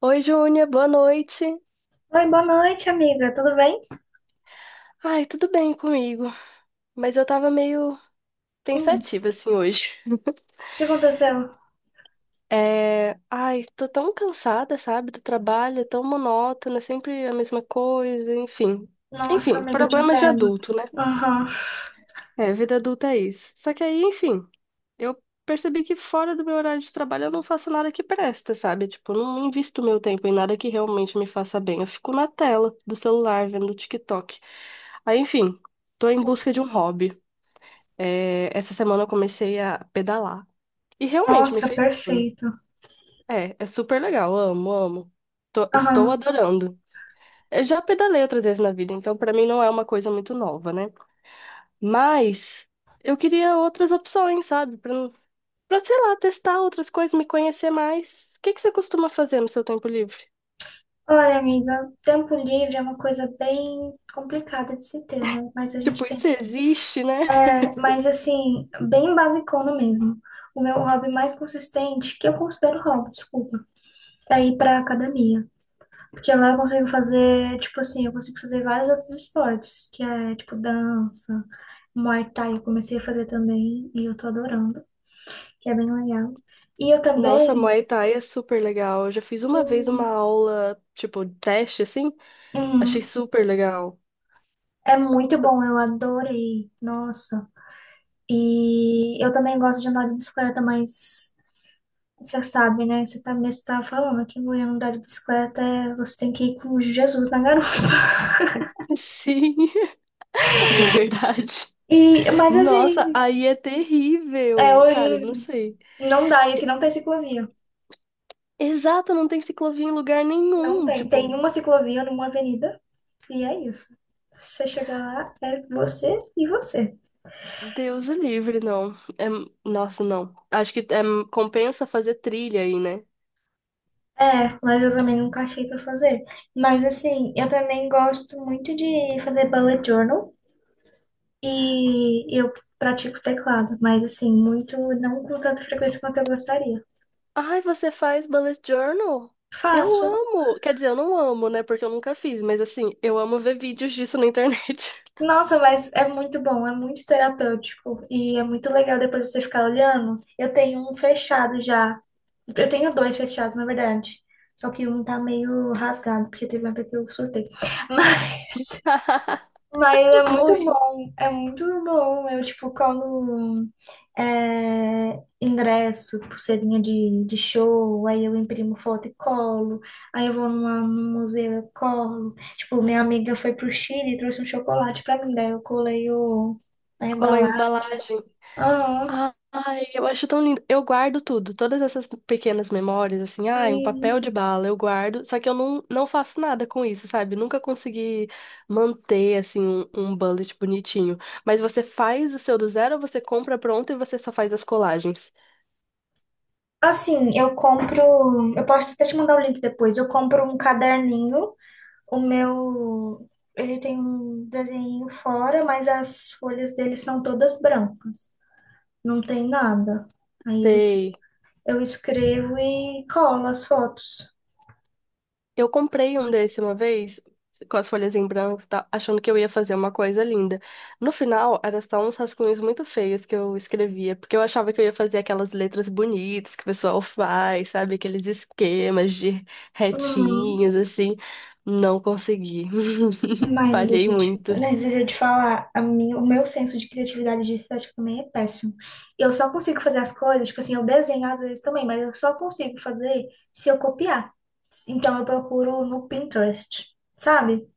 Oi, Júnia, boa noite. Oi, boa noite, amiga. Tudo bem? Ai, tudo bem comigo, mas eu tava meio Hum, pensativa assim hoje. O que aconteceu? Tô tão cansada, sabe, do trabalho, é tão monótono, é sempre a mesma coisa, enfim. Nossa, Enfim, amiga, eu te problemas de entendo. adulto, né? Aham. É, vida adulta é isso. Só que aí, enfim, eu percebi que fora do meu horário de trabalho eu não faço nada que presta, sabe? Tipo, eu não invisto meu tempo em nada que realmente me faça bem. Eu fico na tela do celular, vendo TikTok. Aí, enfim, tô em busca de um hobby. É, essa semana eu comecei a pedalar. E realmente me Nossa, fez bem. perfeito. É, é super legal. Amo, amo. Estou Aham. adorando. Eu já pedalei outras vezes na vida, então pra mim não é uma coisa muito nova, né? Mas eu queria outras opções, sabe? Pra, não- Pra, sei lá, testar outras coisas, me conhecer mais. O que que você costuma fazer no seu tempo livre? Olha, amiga, tempo livre é uma coisa bem complicada de se ter, né? Mas a gente Tipo, isso tenta. existe, né? É, mas assim, bem basicona mesmo. O meu hobby mais consistente, que eu considero hobby, desculpa, é ir pra academia. Porque lá eu consigo fazer, tipo assim, eu consigo fazer vários outros esportes, que é tipo dança, Muay Thai, eu comecei a fazer também e eu tô adorando, que é bem legal. E eu Nossa, também, Muay Thai é super legal. Eu já fiz uma vez uma sim, aula, tipo, teste, assim. Achei hum, super legal. é muito bom, eu adorei, nossa. E eu também gosto de andar de bicicleta, mas você sabe, né? Você também mesmo falando que mulher andar de bicicleta, você tem que ir com Jesus na garupa. Sim. É verdade. E, mas assim, Nossa, aí é é, terrível. Cara, hoje não sei. não dá, e aqui E- não tem ciclovia. Exato, não tem ciclovia em lugar Não nenhum. tem. Tem Tipo, uma ciclovia numa avenida e é isso. Você chega lá, é você e você. Deus é livre, não. É... Nossa, não. Acho que é... compensa fazer trilha aí, né? É, mas eu também nunca achei pra fazer. Mas assim, eu também gosto muito de fazer bullet journal e eu pratico teclado, mas assim, muito não com tanta frequência quanto eu gostaria. Ai, você faz bullet journal? Eu Faço. amo. Quer dizer, eu não amo, né? Porque eu nunca fiz, mas assim, eu amo ver vídeos disso na internet. Nossa, mas é muito bom, é muito terapêutico e é muito legal depois você ficar olhando. Eu tenho um fechado já. Eu tenho dois fechados, na verdade. Só que um tá meio rasgado, porque teve uma época que eu surtei. Mas, mas é muito Morri. bom, é muito bom. Eu, tipo, colo é, ingresso, pulseirinha de show, aí eu imprimo foto e colo. Aí eu vou num museu, eu colo. Tipo, minha amiga foi pro Chile e trouxe um chocolate pra mim, daí eu colei a Colou a embalagem. embalagem. Aham. Ai, eu acho tão lindo. Eu guardo tudo, todas essas pequenas memórias, assim, ai, um papel de bala, eu guardo, só que eu não, não faço nada com isso, sabe? Nunca consegui manter, assim, um bullet bonitinho. Mas você faz o seu do zero, você compra pronto e você só faz as colagens. Assim, eu compro. Eu posso até te mandar o link depois. Eu compro um caderninho. O meu. Ele tem um desenho fora, mas as folhas dele são todas brancas. Não tem nada. Aí eu, es- Sei. eu escrevo e colo as fotos. Eu comprei um Mas. desse uma vez, com as folhas em branco e tal, achando que eu ia fazer uma coisa linda. No final, era só uns rascunhos muito feios que eu escrevia, porque eu achava que eu ia fazer aquelas letras bonitas que o pessoal faz, sabe? Aqueles esquemas de Uhum. retinhos, assim. Não consegui. Mas Falhei deixa eu te, muito. mas deixa eu te falar, o meu senso de criatividade de estética também é péssimo. Eu só consigo fazer as coisas, tipo assim, eu desenho às vezes também, mas eu só consigo fazer se eu copiar. Então eu procuro no Pinterest, sabe?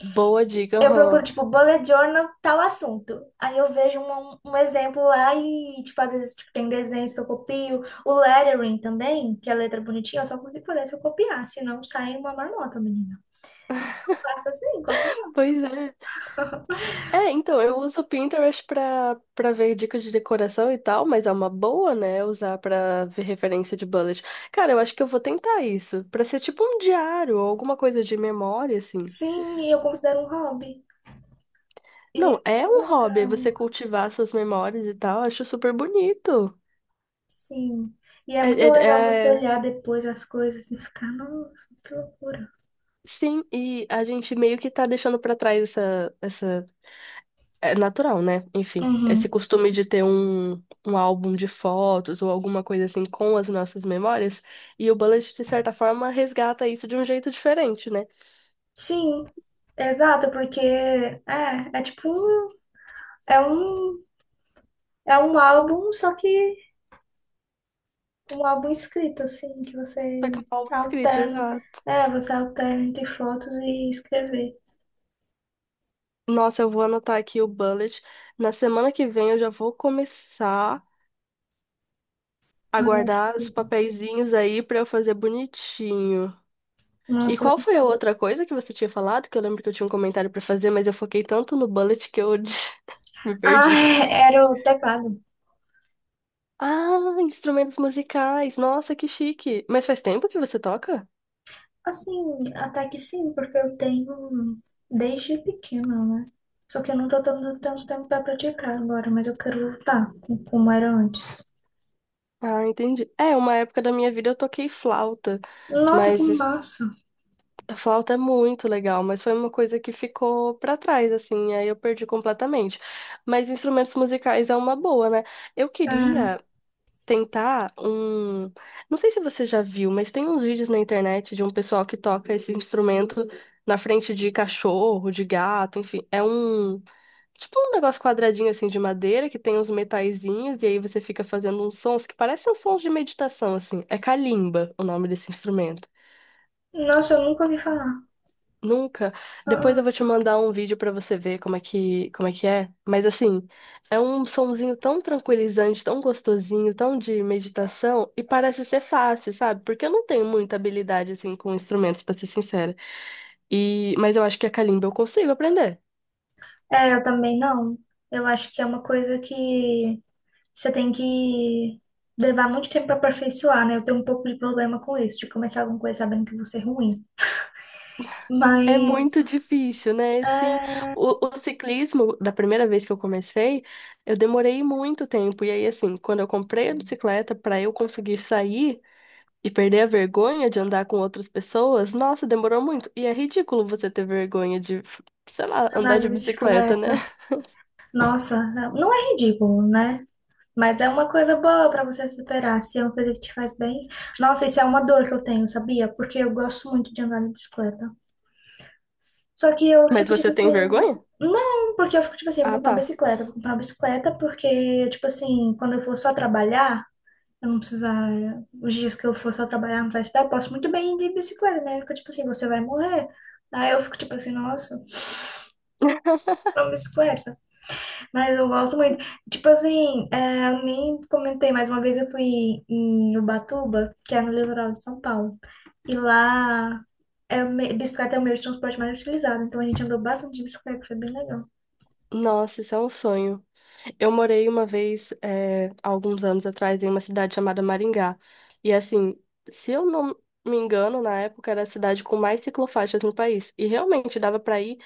Boa dica, Eu procuro, aham. tipo, bullet journal, tal assunto. Aí eu vejo um, um exemplo lá e, tipo, às vezes tipo, tem desenhos que eu copio. O lettering também, que é a letra bonitinha, eu só consigo fazer se eu copiar, senão sai uma marmota, menina. Eu faço assim. Pois é. É, então, eu uso o Pinterest pra ver dicas de decoração e tal, mas é uma boa, né, usar pra ver referência de bullet. Cara, eu acho que eu vou tentar isso, pra ser tipo um diário ou alguma coisa de memória, assim. Sim, e eu considero um hobby. E é Não, é muito um hobby você legal. cultivar suas memórias e tal, acho super bonito. Sim. E é É, muito é, legal você é- olhar depois as coisas e ficar, nossa, que loucura. Sim, e a gente meio que tá deixando pra trás essa. É natural, né? Enfim, esse Uhum. costume de ter um álbum de fotos ou alguma coisa assim com as nossas memórias, e o Bullet, de certa forma, resgata isso de um jeito diferente, né? Sim, exato, porque é, é tipo um, é um, é um álbum, só que um álbum escrito, assim, que Só que você um álbum é escrito, alterna. exato. É, você alterna entre fotos e escrever. Nossa, eu vou anotar aqui o Bullet. Na semana que vem eu já vou começar a Eu acho guardar os que. papeizinhos aí pra eu fazer bonitinho. E Nossa, qual eu. foi a outra coisa que você tinha falado? Que eu lembro que eu tinha um comentário pra fazer, mas eu foquei tanto no Bullet que eu me Ah, perdi. era o teclado. Ah, instrumentos musicais. Nossa, que chique. Mas faz tempo que você toca? Assim, até que sim, porque eu tenho desde pequena, né? Só que eu não tô tendo tanto tempo pra praticar agora, mas eu quero voltar como era antes. Ah, entendi. É, uma época da minha vida eu toquei flauta, Nossa, que mas es- massa! a flauta é muito legal, mas foi uma coisa que ficou pra trás, assim, aí eu perdi completamente. Mas instrumentos musicais é uma boa, né? Eu É, queria tentar um. Não sei se você já viu, mas tem uns vídeos na internet de um pessoal que toca esse instrumento na frente de cachorro, de gato, enfim. É um. Tipo um negócio quadradinho assim de madeira que tem uns metaizinhos e aí você fica fazendo uns sons que parecem uns sons de meditação assim. É kalimba o nome desse instrumento. nossa, eu nunca ouvi falar. Nunca. Ah, Depois eu ah. vou te mandar um vídeo pra você ver como é que é. Mas assim, é um sonzinho tão tranquilizante, tão gostosinho, tão de meditação e parece ser fácil, sabe? Porque eu não tenho muita habilidade assim com instrumentos, pra ser sincera. E mas eu acho que a kalimba eu consigo aprender. É, eu também não. Eu acho que é uma coisa que você tem que levar muito tempo para aperfeiçoar, né? Eu tenho um pouco de problema com isso, de começar alguma coisa sabendo que eu vou ser ruim. É muito Mas, difícil, né? Sim, é, o ciclismo, da primeira vez que eu comecei, eu demorei muito tempo. E aí, assim, quando eu comprei a bicicleta para eu conseguir sair e perder a vergonha de andar com outras pessoas, nossa, demorou muito. E é ridículo você ter vergonha de, sei lá, andar andar de de bicicleta, né? bicicleta. Nossa, não é ridículo, né? Mas é uma coisa boa pra você superar, se é uma coisa que te faz bem. Nossa, isso é uma dor que eu tenho, sabia? Porque eu gosto muito de andar de bicicleta. Só que eu Mas fico tipo você tem assim, vergonha? não, porque eu fico tipo assim, vou Ah, comprar uma tá. bicicleta, vou comprar uma bicicleta porque tipo assim, quando eu for só trabalhar, eu não precisar, os dias que eu for só trabalhar, não precisar estudar, eu posso muito bem ir de bicicleta, né? Fica tipo assim, você vai morrer. Aí eu fico tipo assim, nossa, uma bicicleta. Mas eu gosto muito. Tipo assim, é, eu nem comentei, mas uma vez eu fui em Ubatuba, que é no litoral de São Paulo. E lá, é, bicicleta é o meio de transporte mais utilizado. Então a gente andou bastante de bicicleta, foi bem legal. Nossa, isso é um sonho. Eu morei uma vez, há alguns anos atrás, em uma cidade chamada Maringá. E assim, se eu não me engano, na época era a cidade com mais ciclofaixas no país. E realmente dava pra ir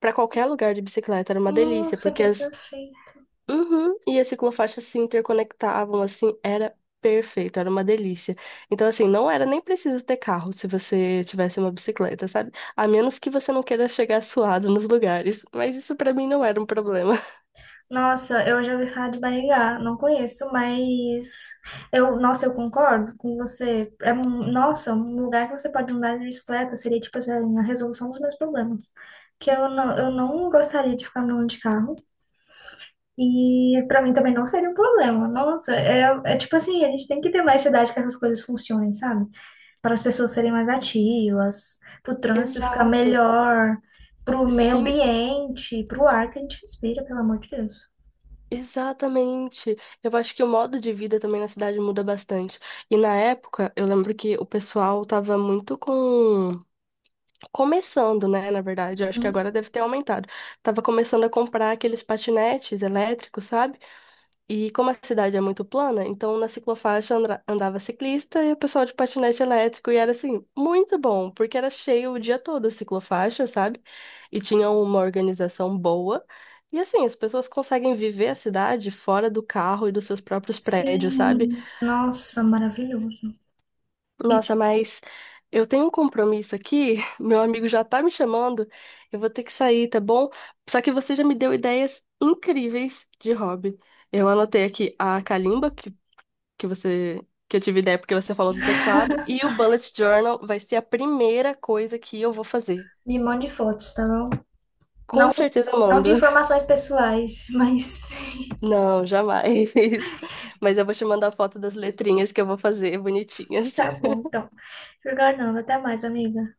pra qualquer lugar de bicicleta, era uma delícia, Nossa, porque que as... perfeito. Uhum, e as ciclofaixas se interconectavam, assim, era perfeito, era uma delícia. Então, assim, não era nem preciso ter carro se você tivesse uma bicicleta, sabe? A menos que você não queira chegar suado nos lugares. Mas isso pra mim não era um problema. Nossa, eu já ouvi falar de Maringá, não conheço, mas nossa, eu concordo com você. É um, nossa, um lugar que você pode andar de bicicleta seria tipo assim, a resolução dos meus problemas. Que eu não gostaria de ficar andando de carro. E pra mim também não seria um problema. Nossa, é, é tipo assim, a gente tem que ter mais cidade que essas coisas funcionem, sabe? Para as pessoas serem mais ativas, para o trânsito ficar Exato. melhor, para o meio Sim, ambiente, para o ar que a gente respira, pelo amor de Deus. exatamente. Eu acho que o modo de vida também na cidade muda bastante. E na época, eu lembro que o pessoal tava muito com começando, né, na verdade, eu acho que Uhum. agora deve ter aumentado. Tava começando a comprar aqueles patinetes elétricos, sabe? E como a cidade é muito plana, então na ciclofaixa andava ciclista e o pessoal de patinete elétrico. E era assim, muito bom, porque era cheio o dia todo a ciclofaixa, sabe? E tinha uma organização boa. E assim, as pessoas conseguem viver a cidade fora do carro e dos seus próprios prédios, sabe? Sim, nossa, maravilhoso. E Nossa, mas eu tenho um compromisso aqui, meu amigo já tá me chamando, eu vou ter que sair, tá bom? Só que você já me deu ideias incríveis de hobby. Eu anotei aqui a calimba que você que eu tive ideia porque você falou do teclado e o bullet journal vai ser a primeira coisa que eu vou fazer. me mande fotos, tá bom? Não, Com certeza eu não de mando. informações pessoais, mas Não, jamais. Mas eu vou te mandar a foto das letrinhas que eu vou fazer bonitinhas. tá bom, então. Fernando, até mais, amiga.